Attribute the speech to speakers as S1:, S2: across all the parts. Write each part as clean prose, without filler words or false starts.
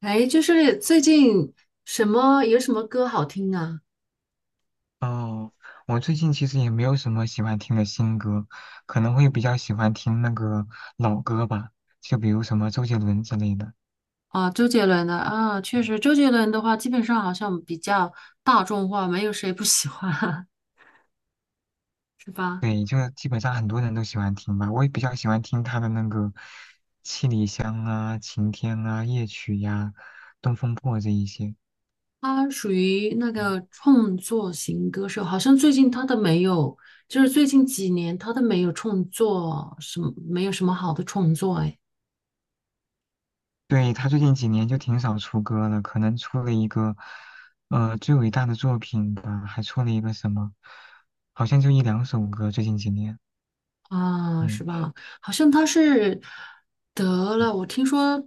S1: 哎，就是最近什么有什么歌好听啊？
S2: 哦，我最近其实也没有什么喜欢听的新歌，可能会比较喜欢听那个老歌吧，就比如什么周杰伦之类的。
S1: 啊，周杰伦的啊，确
S2: 嗯
S1: 实，周杰伦的话，基本上好像比较大众化，没有谁不喜欢啊，是吧？
S2: 对，就基本上很多人都喜欢听吧，我也比较喜欢听他的那个《七里香》啊、《晴天》啊、《夜曲》呀、《东风破》这一些。
S1: 他属于那
S2: 嗯
S1: 个创作型歌手，好像最近他都没有，就是最近几年他都没有创作什么，没有什么好的创作，哎。
S2: 对，他最近几年就挺少出歌了，可能出了一个最伟大的作品吧，还出了一个什么，好像就一两首歌，最近几年。
S1: 啊，是
S2: 嗯
S1: 吧？好像他是得了，我听说，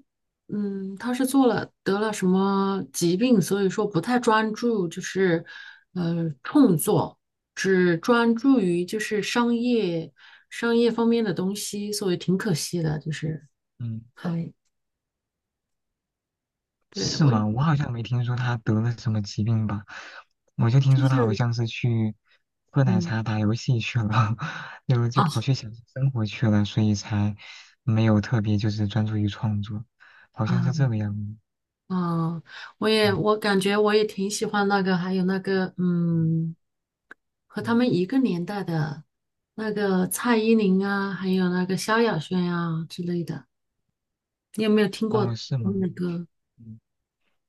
S1: 他是做了得了什么疾病，所以说不太专注，就是创作，只专注于就是商业方面的东西，所以挺可惜的，就是
S2: 嗯。
S1: 还对
S2: 是
S1: 我
S2: 吗？我好像没听说他得了什么疾病吧，我就听
S1: 就
S2: 说他好
S1: 是
S2: 像是去喝奶
S1: 嗯
S2: 茶、打游戏去了，然后就跑
S1: 啊
S2: 去享受生活去了，所以才没有特别就是专注于创作，好像
S1: 啊
S2: 是这个样子。
S1: 啊，我也
S2: 嗯
S1: 我感觉我也挺喜欢那个，还有那个
S2: 嗯
S1: 和他
S2: 嗯，
S1: 们一个年代的那个蔡依林啊，还有那个萧亚轩啊之类的，你有没有听过他
S2: 哦，是吗？
S1: 们的歌？
S2: 嗯，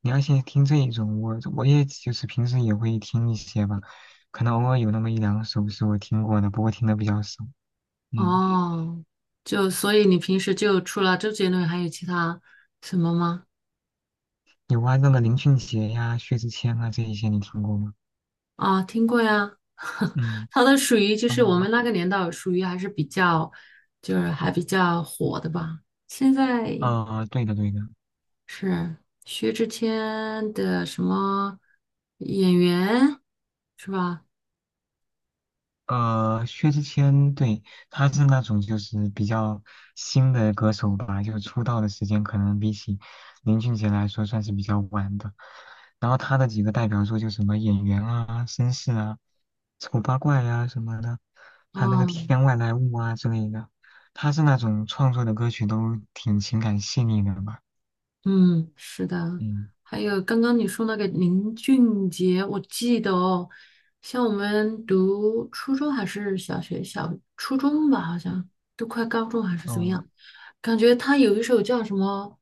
S2: 你要先听这一种，我也就是平时也会听一些吧，可能偶尔有那么一两首是我听过的，不过听的比较少。嗯，
S1: 哦，就所以你平时就除了周杰伦，还有其他什么吗？
S2: 有啊，那个林俊杰呀、薛之谦啊这一些你听过吗？
S1: 啊，听过呀，
S2: 嗯。
S1: 他都属于就是我
S2: 嗯，
S1: 们那个年代属于还是比较就是还比较火的吧。现在
S2: 对的，对的，
S1: 是薛之谦的什么演员是吧？
S2: 薛之谦，对，他是那种就是比较新的歌手吧，就出道的时间可能比起林俊杰来说算是比较晚的。然后他的几个代表作就什么《演员》啊、《绅士》啊、《丑八怪》啊什么的，还有那个
S1: 嗯。
S2: 《天外来物》啊之类的。他是那种创作的歌曲都挺情感细腻的吧？
S1: 嗯，是的。
S2: 嗯，
S1: 还有刚刚你说那个林俊杰，我记得哦，像我们读初中还是小学，小初中吧，好像都快高中还是怎么
S2: 哦。
S1: 样，感觉他有一首叫什么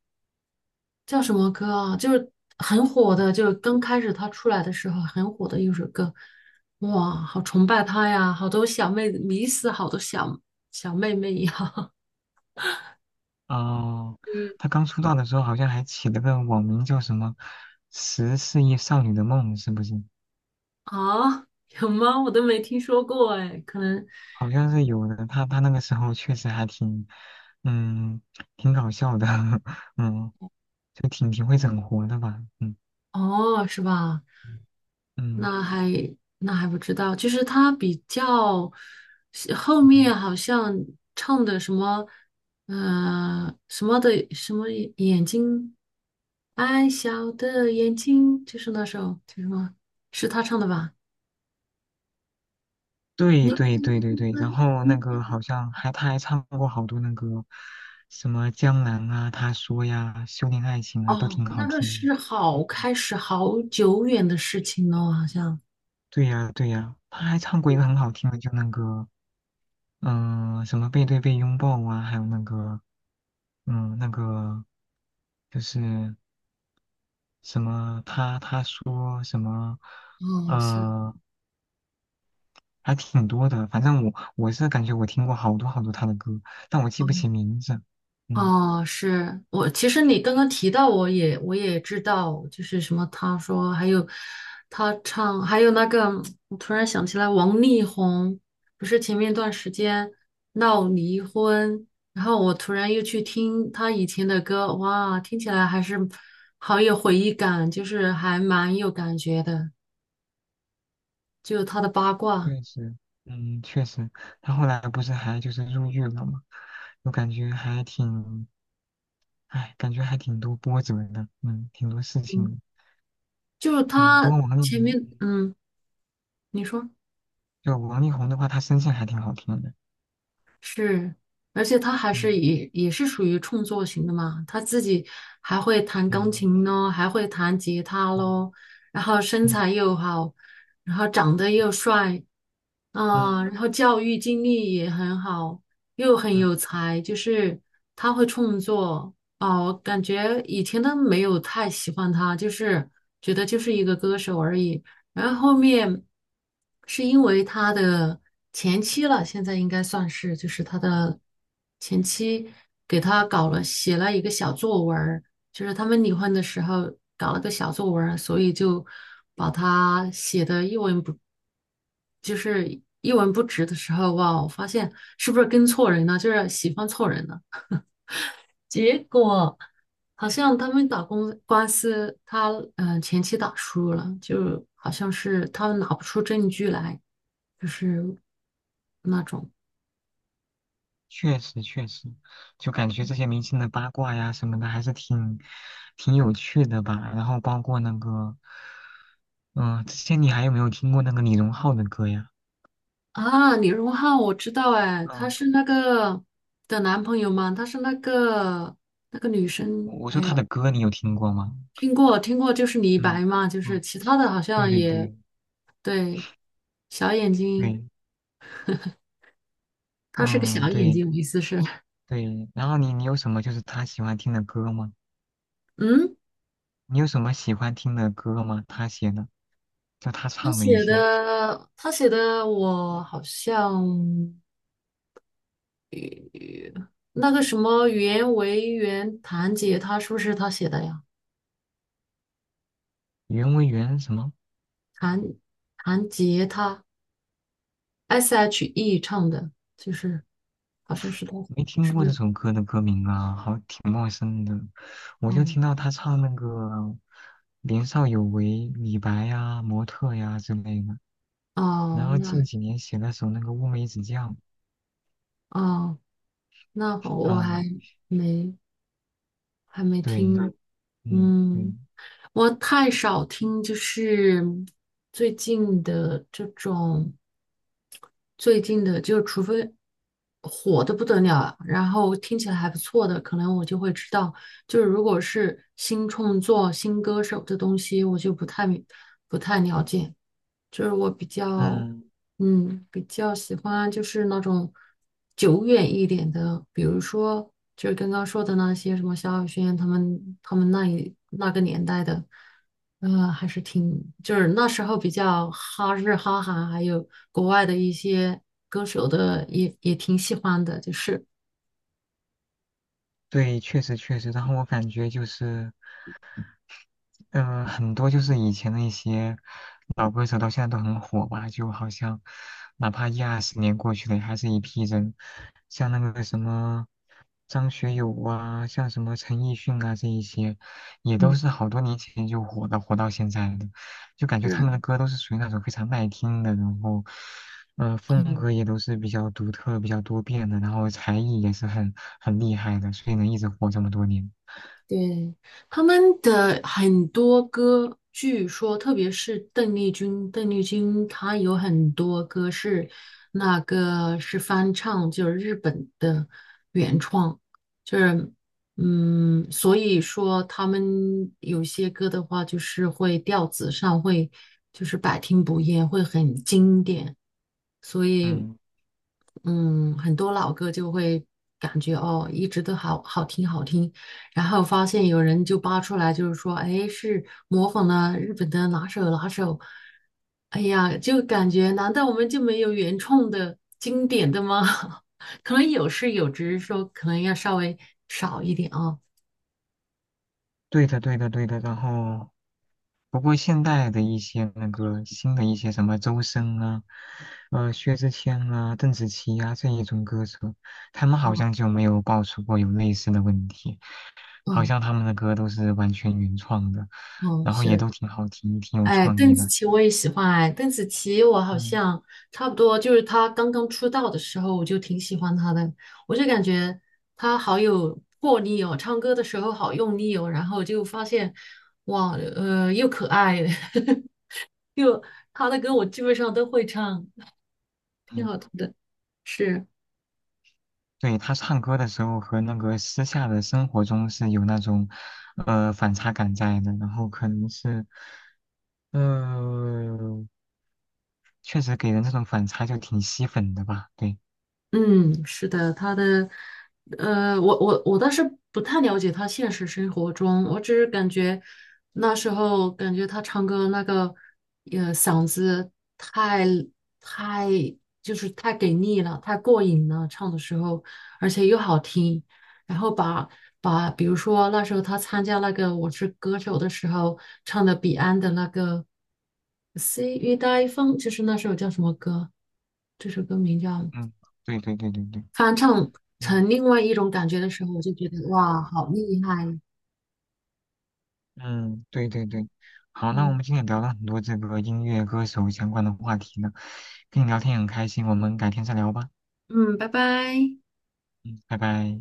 S1: 叫什么歌啊，就是很火的，就是刚开始他出来的时候很火的一首歌，哇，好崇拜他呀，好多小妹子迷死好多小妹妹呀，
S2: 哦，
S1: 嗯，
S2: 他刚出道的时候好像还起了个网名叫什么“十四亿少女的梦”，是不是？
S1: 啊，有吗？我都没听说过哎，可能。
S2: 好像是有的。他那个时候确实还挺，嗯，挺搞笑的，嗯，就挺会整活的吧，嗯
S1: 哦，是吧？
S2: 嗯
S1: 那还那还不知道，就是他比较后
S2: 嗯，
S1: 面好像唱的什么，什么的什么眼睛，爱笑的眼睛，就是那首叫什么？是他唱的吧？
S2: 对
S1: 你
S2: 对对对对。然后那
S1: 你
S2: 个好像还他还唱过好多那个什么《江南》啊，他说呀，《修炼爱情》啊，都
S1: 哦，
S2: 挺
S1: 那
S2: 好
S1: 个
S2: 听的。
S1: 是好开始好久远的事情了，好像
S2: 对呀，对呀，他还唱过一个很好听的，就那个嗯、什么背对背拥抱啊，还有那个，嗯，那个就是什么他说什么，
S1: 哦，是。
S2: 呃，还挺多的。反正我是感觉我听过好多好多他的歌，但我记不起名字。嗯，
S1: 哦，是我。其实你刚刚提到，我也知道，就是什么，他说还有他唱，还有那个，我突然想起来，王力宏不是前面一段时间闹离婚，然后我突然又去听他以前的歌，哇，听起来还是好有回忆感，就是还蛮有感觉的，就他的八卦，
S2: 确实，嗯，确实，他后来不是还就是入狱了嘛，我感觉还挺，哎，感觉还挺多波折的，嗯，挺多事情
S1: 嗯，
S2: 的。
S1: 就
S2: 嗯，不
S1: 他
S2: 过王力
S1: 前
S2: 宏，
S1: 面，
S2: 嗯
S1: 你说。
S2: 就王力宏的话，他声线还挺好听的。
S1: 是，而且他还是
S2: 嗯。
S1: 也也是属于创作型的嘛，他自己还会弹钢
S2: 嗯，
S1: 琴咯，还会弹吉他
S2: 嗯
S1: 咯，然后身材
S2: 嗯
S1: 又好，然后长得
S2: 嗯
S1: 又帅，啊，
S2: 嗯
S1: 然后教育经历也很好，又很
S2: 嗯，
S1: 有才，就是他会创作哦，我感觉以前都没有太喜欢他，就是觉得就是一个歌手而已。然后后面是因为他的前妻了，现在应该算是就是他
S2: 嗯，
S1: 的前妻给他搞了写了一个小作文，就是他们离婚的时候搞了个小作文儿所以就把他写的一文不，就是一文不值的时候，哇，我发现是不是跟错人了，就是喜欢错人了。结果好像他们打公官司，他前妻打输了，就好像是他们拿不出证据来，就是那种。
S2: 确实确实，就感觉这些明星的八卦呀什么的，还是挺有趣的吧。然后包括那个，嗯、之前你还有没有听过那个李荣浩的歌呀？
S1: 啊，李荣浩我知道哎，他
S2: 嗯，
S1: 是那个的男朋友嘛，他是那个女
S2: 我
S1: 生，
S2: 我说
S1: 哎
S2: 他
S1: 呀，
S2: 的歌你有听过吗？
S1: 听过听过，就是李白
S2: 嗯
S1: 嘛，就是
S2: 嗯，
S1: 其他的好
S2: 对
S1: 像
S2: 对
S1: 也
S2: 对
S1: 对，小眼睛，
S2: 对，
S1: 他是个小
S2: 嗯
S1: 眼
S2: 对
S1: 睛，我意思是，
S2: 对。然后你有什么就是他喜欢听的歌吗？
S1: 嗯，
S2: 你有什么喜欢听的歌吗？他写的，就他
S1: 他
S2: 唱的一
S1: 写
S2: 些
S1: 的他写的我好像那个什么袁惟仁弹吉他是不是他写的呀？
S2: 《缘为缘》什么？
S1: 弹弹吉他。S.H.E 唱的，就是好像是他，
S2: 没
S1: 是
S2: 听
S1: 不
S2: 过这
S1: 是？
S2: 首歌的歌名啊，好，挺陌生的。我就
S1: 哦
S2: 听到他唱那个"年少有为"、李白呀、模特呀之类的。
S1: 哦，
S2: 然后近几年写了首那个《乌梅子酱》，
S1: 哦那好我
S2: 嗯，
S1: 没还没听
S2: 对，
S1: 呢，
S2: 嗯对，
S1: 嗯，我太少听，就是最近的这种，最近的就除非火的不得了，然后听起来还不错的，可能我就会知道。就是如果是新创作、新歌手的东西，我就不太了解。就是我比较，
S2: 嗯
S1: 比较喜欢就是那种久远一点的，比如说就是刚刚说的那些什么萧亚轩他们那个年代的，还是挺就是那时候比较哈日哈韩，还有国外的一些歌手的也挺喜欢的，就是
S2: 对，确实确实。然后我感觉就是。嗯，很多就是以前的一些老歌手到现在都很火吧，就好像哪怕一二十年过去了，还是一批人，像那个什么张学友啊，像什么陈奕迅啊这一些，也都
S1: 嗯。
S2: 是好多年前就火的，火到现在的，就感觉他们的歌都是属于那种非常耐听的，然后，风格也都是比较独特、比较多变的，然后才艺也是很厉害的，所以能一直火这么多年。
S1: 对，他们的很多歌，据说特别是邓丽君，邓丽君她有很多歌是那个是翻唱，就是日本的原创，就是所以说他们有些歌的话，就是会调子上会就是百听不厌，会很经典，所以
S2: 嗯。
S1: 很多老歌就会感觉哦，一直都好好听好听。然后发现有人就扒出来，就是说，哎，是模仿了日本的哪首哪首，哎呀，就感觉难道我们就没有原创的经典的吗？可能有是有，只是说可能要稍微少一点啊。
S2: 对的，对的，对的。然后不过现代的一些那个新的一些什么周深啊，薛之谦啊、邓紫棋啊这一种歌手，他们好像
S1: 嗯
S2: 就没有爆出过有类似的问题，好
S1: 嗯
S2: 像他们的歌都是完全原创的，
S1: 嗯，
S2: 然后也
S1: 是。
S2: 都挺好听、挺有
S1: 哎，
S2: 创
S1: 邓
S2: 意
S1: 紫
S2: 的。
S1: 棋我也喜欢哎，邓紫棋我好
S2: 嗯
S1: 像差不多，就是她刚刚出道的时候，我就挺喜欢她的。我就感觉她好有魄力哦，唱歌的时候好用力哦，然后就发现哇，又可爱，又她的歌我基本上都会唱，挺
S2: 嗯，
S1: 好听的。是，
S2: 对，他唱歌的时候和那个私下的生活中是有那种反差感在的，然后可能是呃确实给人这种反差就挺吸粉的吧，对。
S1: 嗯，是的，他的，我倒是不太了解他现实生活中，我只是感觉那时候感觉他唱歌那个，嗓子太太就是太给力了，太过瘾了，唱的时候，而且又好听，然后把比如说那时候他参加那个《我是歌手》的时候唱的彼岸的那个《s e e you 细雨待风》，就是那首叫什么歌？这首歌名叫。
S2: 嗯，对对对对对，
S1: 翻唱
S2: 嗯
S1: 成另外一种感觉的时候，我就觉得哇，好厉害！
S2: 嗯，对对对，好，那我
S1: 嗯
S2: 们今天也聊了很多这个音乐歌手相关的话题呢，跟你聊天也很开心，我们改天再聊吧，
S1: 嗯，拜拜。
S2: 嗯，拜拜。